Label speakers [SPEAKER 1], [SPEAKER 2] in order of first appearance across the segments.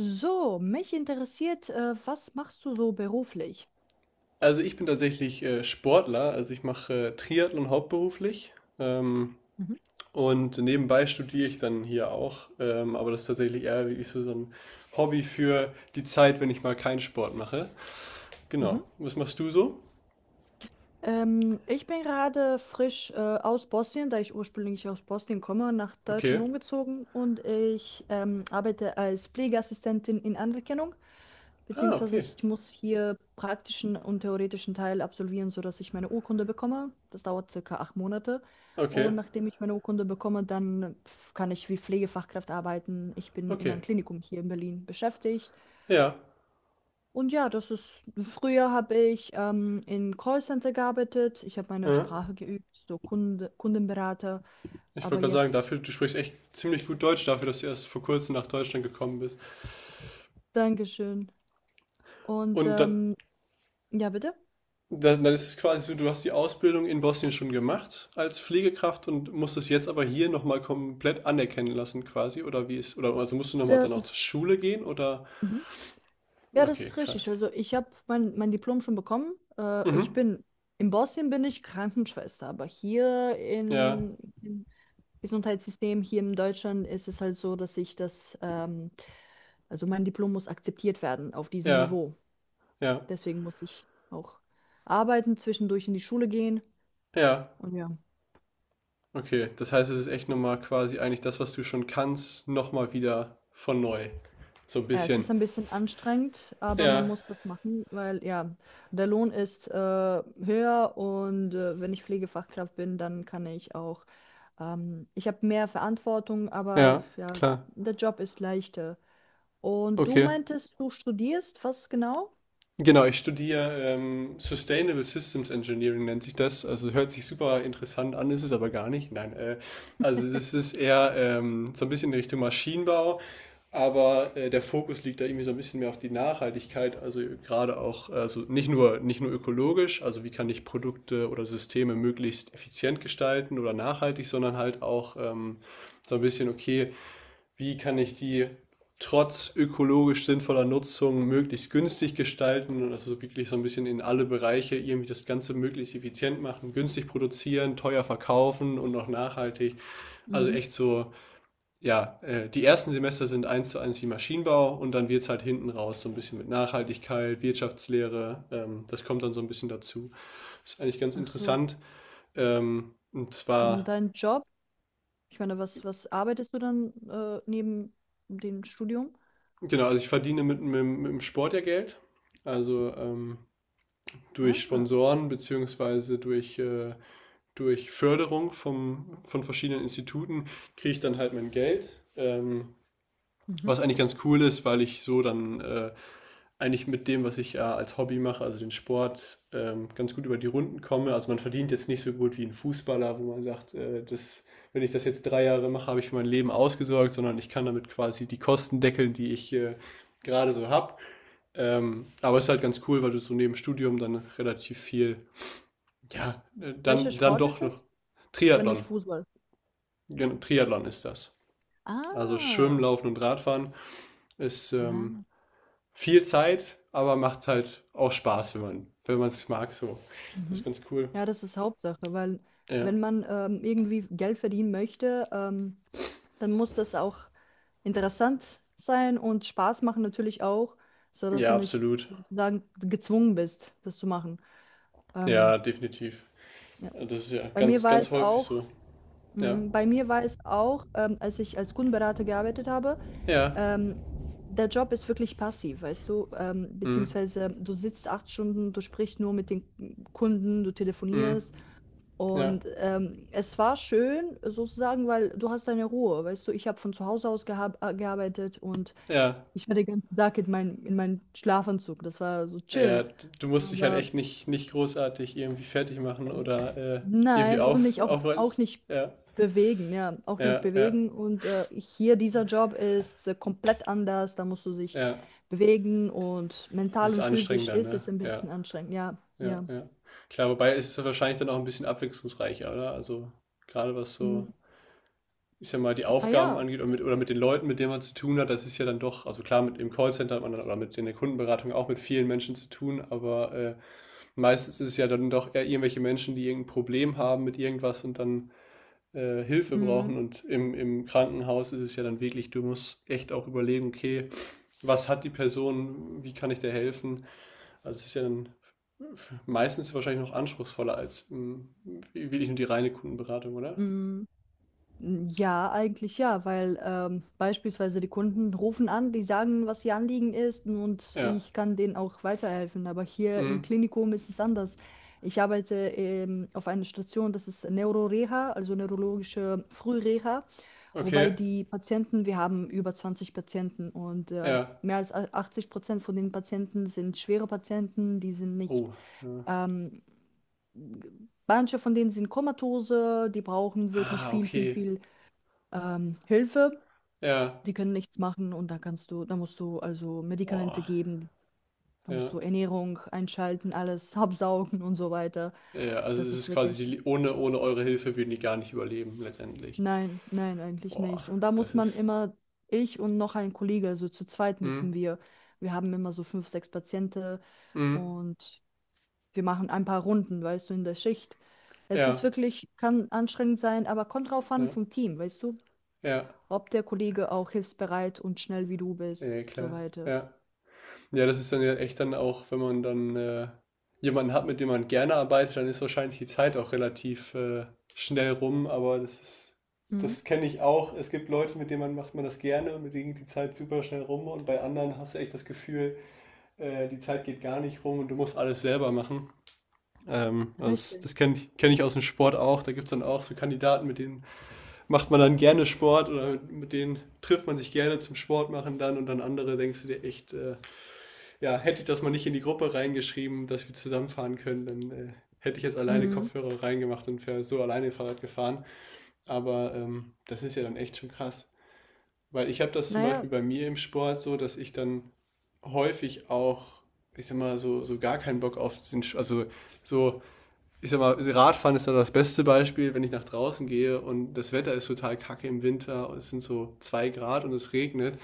[SPEAKER 1] So, mich interessiert, was machst du so beruflich?
[SPEAKER 2] Also ich bin tatsächlich Sportler, also ich mache Triathlon hauptberuflich
[SPEAKER 1] Mhm.
[SPEAKER 2] und nebenbei studiere ich dann hier auch, aber das ist tatsächlich eher wirklich so ein Hobby für die Zeit, wenn ich mal keinen Sport mache. Genau.
[SPEAKER 1] Mhm.
[SPEAKER 2] Was machst du so?
[SPEAKER 1] Ich bin gerade frisch aus Bosnien, da ich ursprünglich aus Bosnien komme, nach
[SPEAKER 2] Okay.
[SPEAKER 1] Deutschland umgezogen, und ich arbeite als Pflegeassistentin in Anerkennung,
[SPEAKER 2] Ah,
[SPEAKER 1] beziehungsweise
[SPEAKER 2] okay.
[SPEAKER 1] ich muss hier praktischen und theoretischen Teil absolvieren, sodass ich meine Urkunde bekomme. Das dauert circa 8 Monate.
[SPEAKER 2] Okay.
[SPEAKER 1] Und nachdem ich meine Urkunde bekomme, dann kann ich wie Pflegefachkraft arbeiten. Ich bin in
[SPEAKER 2] Okay.
[SPEAKER 1] einem Klinikum hier in Berlin beschäftigt.
[SPEAKER 2] Ja.
[SPEAKER 1] Und ja, das ist, früher habe ich in Callcenter gearbeitet. Ich habe meine
[SPEAKER 2] Ja.
[SPEAKER 1] Sprache geübt, so Kunde, Kundenberater.
[SPEAKER 2] Ich
[SPEAKER 1] Aber
[SPEAKER 2] wollte gerade sagen,
[SPEAKER 1] jetzt,
[SPEAKER 2] dafür, du sprichst echt ziemlich gut Deutsch dafür, dass du erst vor kurzem nach Deutschland gekommen bist.
[SPEAKER 1] Dankeschön. Und
[SPEAKER 2] Und dann,
[SPEAKER 1] ja, bitte.
[SPEAKER 2] dann ist es quasi so, du hast die Ausbildung in Bosnien schon gemacht als Pflegekraft und musst es jetzt aber hier nochmal komplett anerkennen lassen, quasi, oder wie ist, oder also musst du nochmal dann
[SPEAKER 1] Das
[SPEAKER 2] auch zur
[SPEAKER 1] ist,
[SPEAKER 2] Schule gehen oder?
[SPEAKER 1] mhm. Ja, das
[SPEAKER 2] Okay,
[SPEAKER 1] ist richtig.
[SPEAKER 2] krass.
[SPEAKER 1] Also ich habe mein Diplom schon bekommen. Ich
[SPEAKER 2] Mhm.
[SPEAKER 1] bin, in Bosnien bin ich Krankenschwester, aber hier
[SPEAKER 2] Ja,
[SPEAKER 1] im Gesundheitssystem, hier in Deutschland ist es halt so, dass ich das, also mein Diplom muss akzeptiert werden auf diesem
[SPEAKER 2] ja,
[SPEAKER 1] Niveau.
[SPEAKER 2] ja,
[SPEAKER 1] Deswegen muss ich auch arbeiten, zwischendurch in die Schule gehen.
[SPEAKER 2] ja.
[SPEAKER 1] Und ja,
[SPEAKER 2] Okay. Das heißt, es ist echt nochmal quasi eigentlich das, was du schon kannst, nochmal wieder von neu. So ein
[SPEAKER 1] ja, es
[SPEAKER 2] bisschen.
[SPEAKER 1] ist ein bisschen anstrengend, aber man
[SPEAKER 2] Ja,
[SPEAKER 1] muss das machen, weil ja, der Lohn ist höher, und wenn ich Pflegefachkraft bin, dann kann ich auch, ich habe mehr Verantwortung, aber
[SPEAKER 2] ja,
[SPEAKER 1] ja,
[SPEAKER 2] klar.
[SPEAKER 1] der Job ist leichter. Und du
[SPEAKER 2] Okay.
[SPEAKER 1] meintest, du studierst, was genau?
[SPEAKER 2] Genau, ich studiere Sustainable Systems Engineering nennt sich das. Also hört sich super interessant an, ist es aber gar nicht. Nein, also das ist eher so ein bisschen in Richtung Maschinenbau, aber der Fokus liegt da irgendwie so ein bisschen mehr auf die Nachhaltigkeit. Also gerade auch, also nicht nur ökologisch, also wie kann ich Produkte oder Systeme möglichst effizient gestalten oder nachhaltig, sondern halt auch so ein bisschen okay wie kann ich die trotz ökologisch sinnvoller Nutzung möglichst günstig gestalten und also wirklich so ein bisschen in alle Bereiche irgendwie das Ganze möglichst effizient machen, günstig produzieren, teuer verkaufen und noch nachhaltig. Also
[SPEAKER 1] Mhm.
[SPEAKER 2] echt so, ja, die ersten Semester sind eins zu eins wie Maschinenbau und dann wird es halt hinten raus so ein bisschen mit Nachhaltigkeit, Wirtschaftslehre, das kommt dann so ein bisschen dazu. Ist eigentlich ganz
[SPEAKER 1] Ach so.
[SPEAKER 2] interessant. Und
[SPEAKER 1] Und
[SPEAKER 2] zwar,
[SPEAKER 1] dein Job? Ich meine, was arbeitest du dann neben dem Studium?
[SPEAKER 2] genau, also ich verdiene mit dem Sport ja Geld. Also durch
[SPEAKER 1] Ah.
[SPEAKER 2] Sponsoren beziehungsweise durch Förderung von verschiedenen Instituten kriege ich dann halt mein Geld. Ähm,
[SPEAKER 1] Mhm.
[SPEAKER 2] was eigentlich ganz cool ist, weil ich so dann eigentlich mit dem, was ich als Hobby mache, also den Sport, ganz gut über die Runden komme. Also man verdient jetzt nicht so gut wie ein Fußballer, wo man sagt, das, wenn ich das jetzt 3 Jahre mache, habe ich für mein Leben ausgesorgt, sondern ich kann damit quasi die Kosten deckeln, die ich gerade so habe. Aber es ist halt ganz cool, weil du so neben Studium dann relativ viel ja, äh,
[SPEAKER 1] Welcher
[SPEAKER 2] dann, dann
[SPEAKER 1] Sport ist
[SPEAKER 2] doch noch.
[SPEAKER 1] es? Wenn nicht
[SPEAKER 2] Triathlon.
[SPEAKER 1] Fußball.
[SPEAKER 2] Genau, Triathlon ist das. Also Schwimmen,
[SPEAKER 1] Ah,
[SPEAKER 2] Laufen und Radfahren ist
[SPEAKER 1] ah,
[SPEAKER 2] viel Zeit, aber macht halt auch Spaß, wenn wenn man es mag, so. Das ist
[SPEAKER 1] mhm.
[SPEAKER 2] ganz cool.
[SPEAKER 1] Ja, das ist Hauptsache, weil
[SPEAKER 2] Ja,
[SPEAKER 1] wenn man irgendwie Geld verdienen möchte, dann muss das auch interessant sein und Spaß machen natürlich auch, sodass du
[SPEAKER 2] ja,
[SPEAKER 1] nicht
[SPEAKER 2] absolut.
[SPEAKER 1] sozusagen gezwungen bist, das zu machen. Ähm,
[SPEAKER 2] Ja, definitiv.
[SPEAKER 1] ja.
[SPEAKER 2] Das ist ja
[SPEAKER 1] Bei mir
[SPEAKER 2] ganz,
[SPEAKER 1] war
[SPEAKER 2] ganz
[SPEAKER 1] es
[SPEAKER 2] häufig
[SPEAKER 1] auch,
[SPEAKER 2] so. Ja.
[SPEAKER 1] Bei mir war es auch, als ich als Kundenberater gearbeitet habe.
[SPEAKER 2] Ja.
[SPEAKER 1] Ähm, Der Job ist wirklich passiv, weißt du?
[SPEAKER 2] Mhm.
[SPEAKER 1] Beziehungsweise du sitzt 8 Stunden, du sprichst nur mit den Kunden, du
[SPEAKER 2] Mhm.
[SPEAKER 1] telefonierst.
[SPEAKER 2] Ja.
[SPEAKER 1] Und es war schön sozusagen, weil du hast deine Ruhe, weißt du? Ich habe von zu Hause aus geha gearbeitet, und
[SPEAKER 2] Ja.
[SPEAKER 1] ich war den ganzen Tag in, mein, in meinem Schlafanzug. Das war so
[SPEAKER 2] Ja,
[SPEAKER 1] chill.
[SPEAKER 2] du musst dich halt
[SPEAKER 1] Aber
[SPEAKER 2] echt nicht großartig irgendwie fertig machen oder irgendwie
[SPEAKER 1] nein, und
[SPEAKER 2] auf,
[SPEAKER 1] nicht auch,
[SPEAKER 2] aufräumen.
[SPEAKER 1] auch nicht
[SPEAKER 2] Ja.
[SPEAKER 1] bewegen, ja, auch nicht
[SPEAKER 2] Ja, ja,
[SPEAKER 1] bewegen. Und hier dieser Job ist komplett anders, da musst du dich
[SPEAKER 2] ja.
[SPEAKER 1] bewegen, und
[SPEAKER 2] Das
[SPEAKER 1] mental
[SPEAKER 2] ist
[SPEAKER 1] und physisch
[SPEAKER 2] anstrengender,
[SPEAKER 1] ist
[SPEAKER 2] ne?
[SPEAKER 1] es ein
[SPEAKER 2] Ja,
[SPEAKER 1] bisschen anstrengend, ja,
[SPEAKER 2] ja,
[SPEAKER 1] ja.
[SPEAKER 2] ja. Klar, wobei ist es wahrscheinlich dann auch ein bisschen abwechslungsreicher, oder? Also gerade was so,
[SPEAKER 1] Mm,
[SPEAKER 2] ich sag mal, die Aufgaben
[SPEAKER 1] naja,
[SPEAKER 2] angeht oder mit den Leuten, mit denen man zu tun hat, das ist ja dann doch, also klar, mit im Callcenter hat man dann oder mit in der Kundenberatung auch mit vielen Menschen zu tun, aber meistens ist es ja dann doch eher irgendwelche Menschen, die irgendein Problem haben mit irgendwas und dann Hilfe
[SPEAKER 1] mm,
[SPEAKER 2] brauchen. Und im Krankenhaus ist es ja dann wirklich, du musst echt auch überlegen, okay, was hat die Person, wie kann ich der helfen? Also es ist ja dann meistens wahrscheinlich noch anspruchsvoller als wirklich nur die reine Kundenberatung, oder?
[SPEAKER 1] mm. Ja, eigentlich ja, weil beispielsweise die Kunden rufen an, die sagen, was ihr Anliegen ist, und
[SPEAKER 2] Ja.
[SPEAKER 1] ich kann denen auch weiterhelfen. Aber hier im
[SPEAKER 2] Mhm.
[SPEAKER 1] Klinikum ist es anders. Ich arbeite auf einer Station, das ist Neuroreha, also neurologische Frühreha, wobei
[SPEAKER 2] Okay.
[SPEAKER 1] die Patienten, wir haben über 20 Patienten, und
[SPEAKER 2] Ja.
[SPEAKER 1] mehr als 80% von den Patienten sind schwere Patienten, die sind nicht
[SPEAKER 2] Oh. Ja.
[SPEAKER 1] ähm, manche von denen sind komatose, die brauchen wirklich
[SPEAKER 2] Ah,
[SPEAKER 1] viel, viel,
[SPEAKER 2] okay.
[SPEAKER 1] viel Hilfe,
[SPEAKER 2] Ja.
[SPEAKER 1] die können nichts machen, und da kannst du, da musst du also Medikamente
[SPEAKER 2] Boah.
[SPEAKER 1] geben, da musst
[SPEAKER 2] Ja.
[SPEAKER 1] du Ernährung einschalten, alles absaugen und so weiter.
[SPEAKER 2] Ja, also
[SPEAKER 1] Das
[SPEAKER 2] es
[SPEAKER 1] ist
[SPEAKER 2] ist quasi
[SPEAKER 1] wirklich,
[SPEAKER 2] die, ohne eure Hilfe würden die gar nicht überleben, letztendlich.
[SPEAKER 1] nein, nein, eigentlich
[SPEAKER 2] Boah,
[SPEAKER 1] nicht. Und da muss
[SPEAKER 2] das
[SPEAKER 1] man
[SPEAKER 2] ist.
[SPEAKER 1] immer, ich und noch ein Kollege, also zu zweit müssen
[SPEAKER 2] Mm,
[SPEAKER 1] wir, wir haben immer so 5, 6 Patienten,
[SPEAKER 2] mm,
[SPEAKER 1] und wir machen ein paar Runden, weißt du, in der Schicht. Es ist
[SPEAKER 2] ja,
[SPEAKER 1] wirklich, kann anstrengend sein, aber kommt drauf an
[SPEAKER 2] ja,
[SPEAKER 1] vom Team, weißt du,
[SPEAKER 2] ja,
[SPEAKER 1] ob der Kollege auch hilfsbereit und schnell wie du
[SPEAKER 2] ja,
[SPEAKER 1] bist, so
[SPEAKER 2] klar.
[SPEAKER 1] weiter.
[SPEAKER 2] Ja, ja, das ist dann ja echt dann auch, wenn man dann jemanden hat, mit dem man gerne arbeitet, dann ist wahrscheinlich die Zeit auch relativ schnell rum, aber das ist,
[SPEAKER 1] Mhm.
[SPEAKER 2] das kenne ich auch. Es gibt Leute, mit denen man macht man das gerne und mit denen geht die Zeit super schnell rum und bei anderen hast du echt das Gefühl, die Zeit geht gar nicht rum und du musst alles selber machen. Also das
[SPEAKER 1] Richtig.
[SPEAKER 2] das kenne ich, kenn ich aus dem Sport auch. Da gibt es dann auch so Kandidaten, mit denen macht man dann gerne Sport oder mit, denen trifft man sich gerne zum Sport machen dann und dann andere denkst du dir echt, ja, hätte ich das mal nicht in die Gruppe reingeschrieben, dass wir zusammenfahren können, dann hätte ich jetzt alleine
[SPEAKER 1] Mhm.
[SPEAKER 2] Kopfhörer reingemacht und wäre so alleine Fahrrad gefahren. Aber das ist ja dann echt schon krass. Weil ich habe das zum
[SPEAKER 1] Naja,
[SPEAKER 2] Beispiel bei mir im Sport so, dass ich dann häufig auch, ich sag mal, so, so gar keinen Bock auf den, also so, ich sag mal, Radfahren ist dann das beste Beispiel, wenn ich nach draußen gehe und das Wetter ist total kacke im Winter und es sind so 2 Grad und es regnet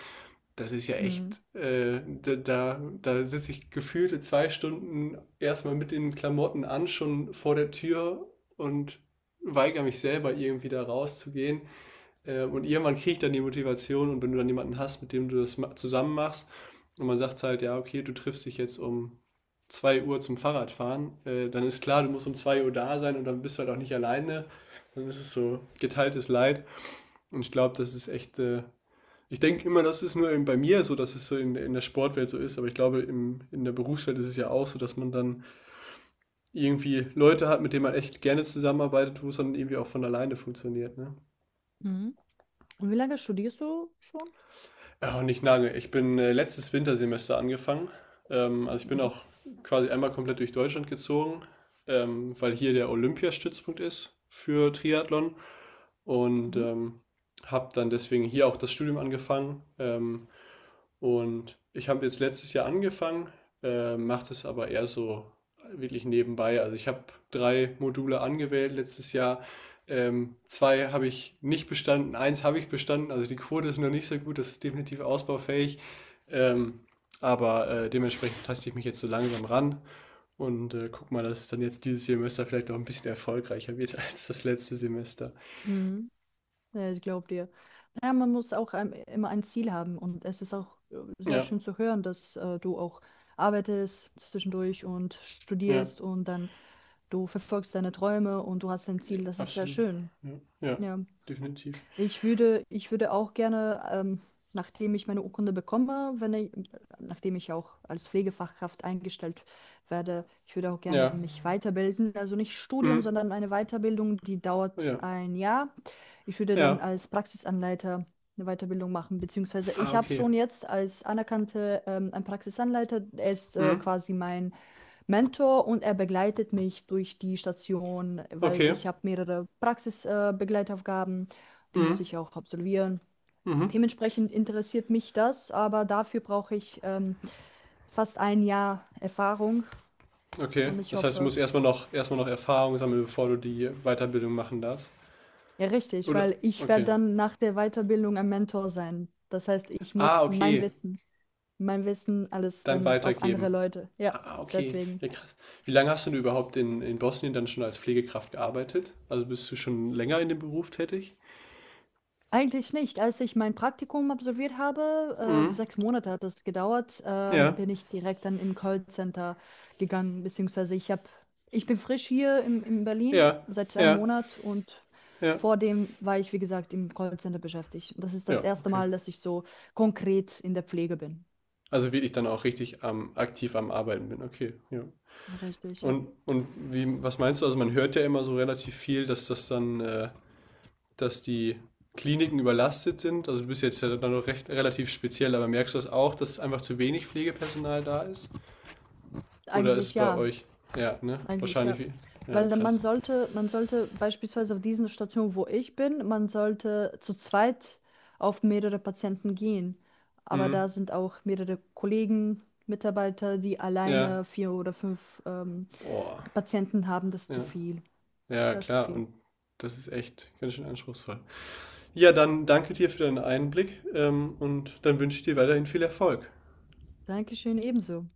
[SPEAKER 2] das ist ja
[SPEAKER 1] mhm.
[SPEAKER 2] echt, da sitze ich gefühlte 2 Stunden erstmal mit den Klamotten an, schon vor der Tür und weigere mich selber irgendwie da rauszugehen. Und irgendwann kriege ich dann die Motivation und wenn du dann jemanden hast, mit dem du das zusammen machst und man sagt halt, ja, okay, du triffst dich jetzt um 2 Uhr zum Fahrradfahren, dann ist klar, du musst um 2 Uhr da sein und dann bist du halt auch nicht alleine. Dann ist es so geteiltes Leid und ich glaube, das ist echt ich denke immer, das ist nur eben bei mir so, dass es so in der Sportwelt so ist, aber ich glaube, im, in der Berufswelt ist es ja auch so, dass man dann irgendwie Leute hat, mit denen man echt gerne zusammenarbeitet, wo es dann irgendwie auch von alleine funktioniert. Ne?
[SPEAKER 1] Mhm. Und wie lange studierst du schon?
[SPEAKER 2] Oh, nicht lange. Ich bin letztes Wintersemester angefangen. Also ich bin
[SPEAKER 1] Mhm.
[SPEAKER 2] auch quasi einmal komplett durch Deutschland gezogen, weil hier der Olympiastützpunkt ist für Triathlon und
[SPEAKER 1] Mhm.
[SPEAKER 2] habe dann deswegen hier auch das Studium angefangen. Und ich habe jetzt letztes Jahr angefangen, mache das aber eher so wirklich nebenbei. Also ich habe drei Module angewählt letztes Jahr. Zwei habe ich nicht bestanden, eins habe ich bestanden. Also die Quote ist noch nicht so gut, das ist definitiv ausbaufähig. Ähm, aber dementsprechend taste ich mich jetzt so langsam ran und guck mal, dass es dann jetzt dieses Semester vielleicht noch ein bisschen erfolgreicher wird als das letzte Semester.
[SPEAKER 1] Mhm. Ja, ich glaube dir. Naja, man muss auch immer ein Ziel haben, und es ist auch sehr
[SPEAKER 2] Ja,
[SPEAKER 1] schön zu hören, dass du auch arbeitest zwischendurch und
[SPEAKER 2] ja,
[SPEAKER 1] studierst, und dann du verfolgst deine Träume und du hast dein Ziel. Das ist sehr
[SPEAKER 2] absolut.
[SPEAKER 1] schön.
[SPEAKER 2] Ja, ja
[SPEAKER 1] Ja.
[SPEAKER 2] definitiv.
[SPEAKER 1] Ich würde auch gerne, nachdem ich meine Urkunde bekomme, wenn ich, nachdem ich auch als Pflegefachkraft eingestellt werde, ich würde auch gerne
[SPEAKER 2] Ja,
[SPEAKER 1] mich weiterbilden. Also nicht Studium,
[SPEAKER 2] mhm.
[SPEAKER 1] sondern eine Weiterbildung, die dauert
[SPEAKER 2] Ja.
[SPEAKER 1] ein Jahr. Ich würde dann
[SPEAKER 2] Ja.
[SPEAKER 1] als Praxisanleiter eine Weiterbildung machen, beziehungsweise
[SPEAKER 2] Ah,
[SPEAKER 1] ich habe
[SPEAKER 2] okay.
[SPEAKER 1] schon jetzt als anerkannte ein Praxisanleiter, er ist
[SPEAKER 2] Mhm.
[SPEAKER 1] quasi mein Mentor, und er begleitet mich durch die Station, weil
[SPEAKER 2] Okay.
[SPEAKER 1] ich habe mehrere Praxisbegleitaufgaben, Begleitaufgaben, die muss
[SPEAKER 2] Mhm.
[SPEAKER 1] ich auch absolvieren.
[SPEAKER 2] Mhm.
[SPEAKER 1] Dementsprechend interessiert mich das, aber dafür brauche ich fast ein Jahr Erfahrung,
[SPEAKER 2] Okay.
[SPEAKER 1] und ich
[SPEAKER 2] Das heißt, du
[SPEAKER 1] hoffe,
[SPEAKER 2] musst erstmal noch Erfahrung sammeln, bevor du die Weiterbildung machen darfst.
[SPEAKER 1] ja richtig,
[SPEAKER 2] Oder?
[SPEAKER 1] weil ich werde
[SPEAKER 2] Okay.
[SPEAKER 1] dann nach der Weiterbildung ein Mentor sein. Das heißt, ich
[SPEAKER 2] Ah,
[SPEAKER 1] muss
[SPEAKER 2] okay.
[SPEAKER 1] Mein Wissen alles
[SPEAKER 2] Dann
[SPEAKER 1] dann auf andere
[SPEAKER 2] weitergeben.
[SPEAKER 1] Leute. Ja,
[SPEAKER 2] Ah, okay.
[SPEAKER 1] deswegen.
[SPEAKER 2] Ja, krass. Wie lange hast du denn überhaupt in Bosnien dann schon als Pflegekraft gearbeitet? Also bist du schon länger in dem Beruf tätig?
[SPEAKER 1] Eigentlich nicht. Als ich mein Praktikum absolviert habe,
[SPEAKER 2] Mhm.
[SPEAKER 1] 6 Monate hat es gedauert,
[SPEAKER 2] Ja.
[SPEAKER 1] bin ich direkt dann im Callcenter gegangen, beziehungsweise ich habe, ich bin frisch hier in Berlin
[SPEAKER 2] Ja.
[SPEAKER 1] seit einem
[SPEAKER 2] Ja.
[SPEAKER 1] Monat, und
[SPEAKER 2] Ja.
[SPEAKER 1] vor dem war ich, wie gesagt, im Callcenter beschäftigt. Und das ist das
[SPEAKER 2] Ja,
[SPEAKER 1] erste
[SPEAKER 2] okay.
[SPEAKER 1] Mal, dass ich so konkret in der Pflege bin.
[SPEAKER 2] Also wirklich dann auch richtig aktiv am Arbeiten bin. Okay. Ja.
[SPEAKER 1] Richtig, ja.
[SPEAKER 2] Und wie, was meinst du? Also man hört ja immer so relativ viel, dass das dann, dass die Kliniken überlastet sind. Also du bist jetzt ja dann noch recht, relativ speziell, aber merkst du das auch, dass einfach zu wenig Pflegepersonal da ist? Oder ist es
[SPEAKER 1] Eigentlich
[SPEAKER 2] bei
[SPEAKER 1] ja.
[SPEAKER 2] euch? Ja, ne?
[SPEAKER 1] Eigentlich
[SPEAKER 2] Wahrscheinlich
[SPEAKER 1] ja.
[SPEAKER 2] wie. Ja,
[SPEAKER 1] Weil dann
[SPEAKER 2] krass.
[SPEAKER 1] man sollte beispielsweise auf diesen Station wo ich bin, man sollte zu zweit auf mehrere Patienten gehen. Aber da
[SPEAKER 2] Mhm.
[SPEAKER 1] sind auch mehrere Kollegen, Mitarbeiter, die
[SPEAKER 2] Ja.
[SPEAKER 1] alleine 4 oder 5
[SPEAKER 2] Boah.
[SPEAKER 1] Patienten haben. Das ist zu
[SPEAKER 2] Ja.
[SPEAKER 1] viel.
[SPEAKER 2] Ja,
[SPEAKER 1] Das ist zu
[SPEAKER 2] klar.
[SPEAKER 1] viel.
[SPEAKER 2] Und das ist echt ganz schön anspruchsvoll. Ja, dann danke dir für deinen Einblick, und dann wünsche ich dir weiterhin viel Erfolg.
[SPEAKER 1] Dankeschön, ebenso.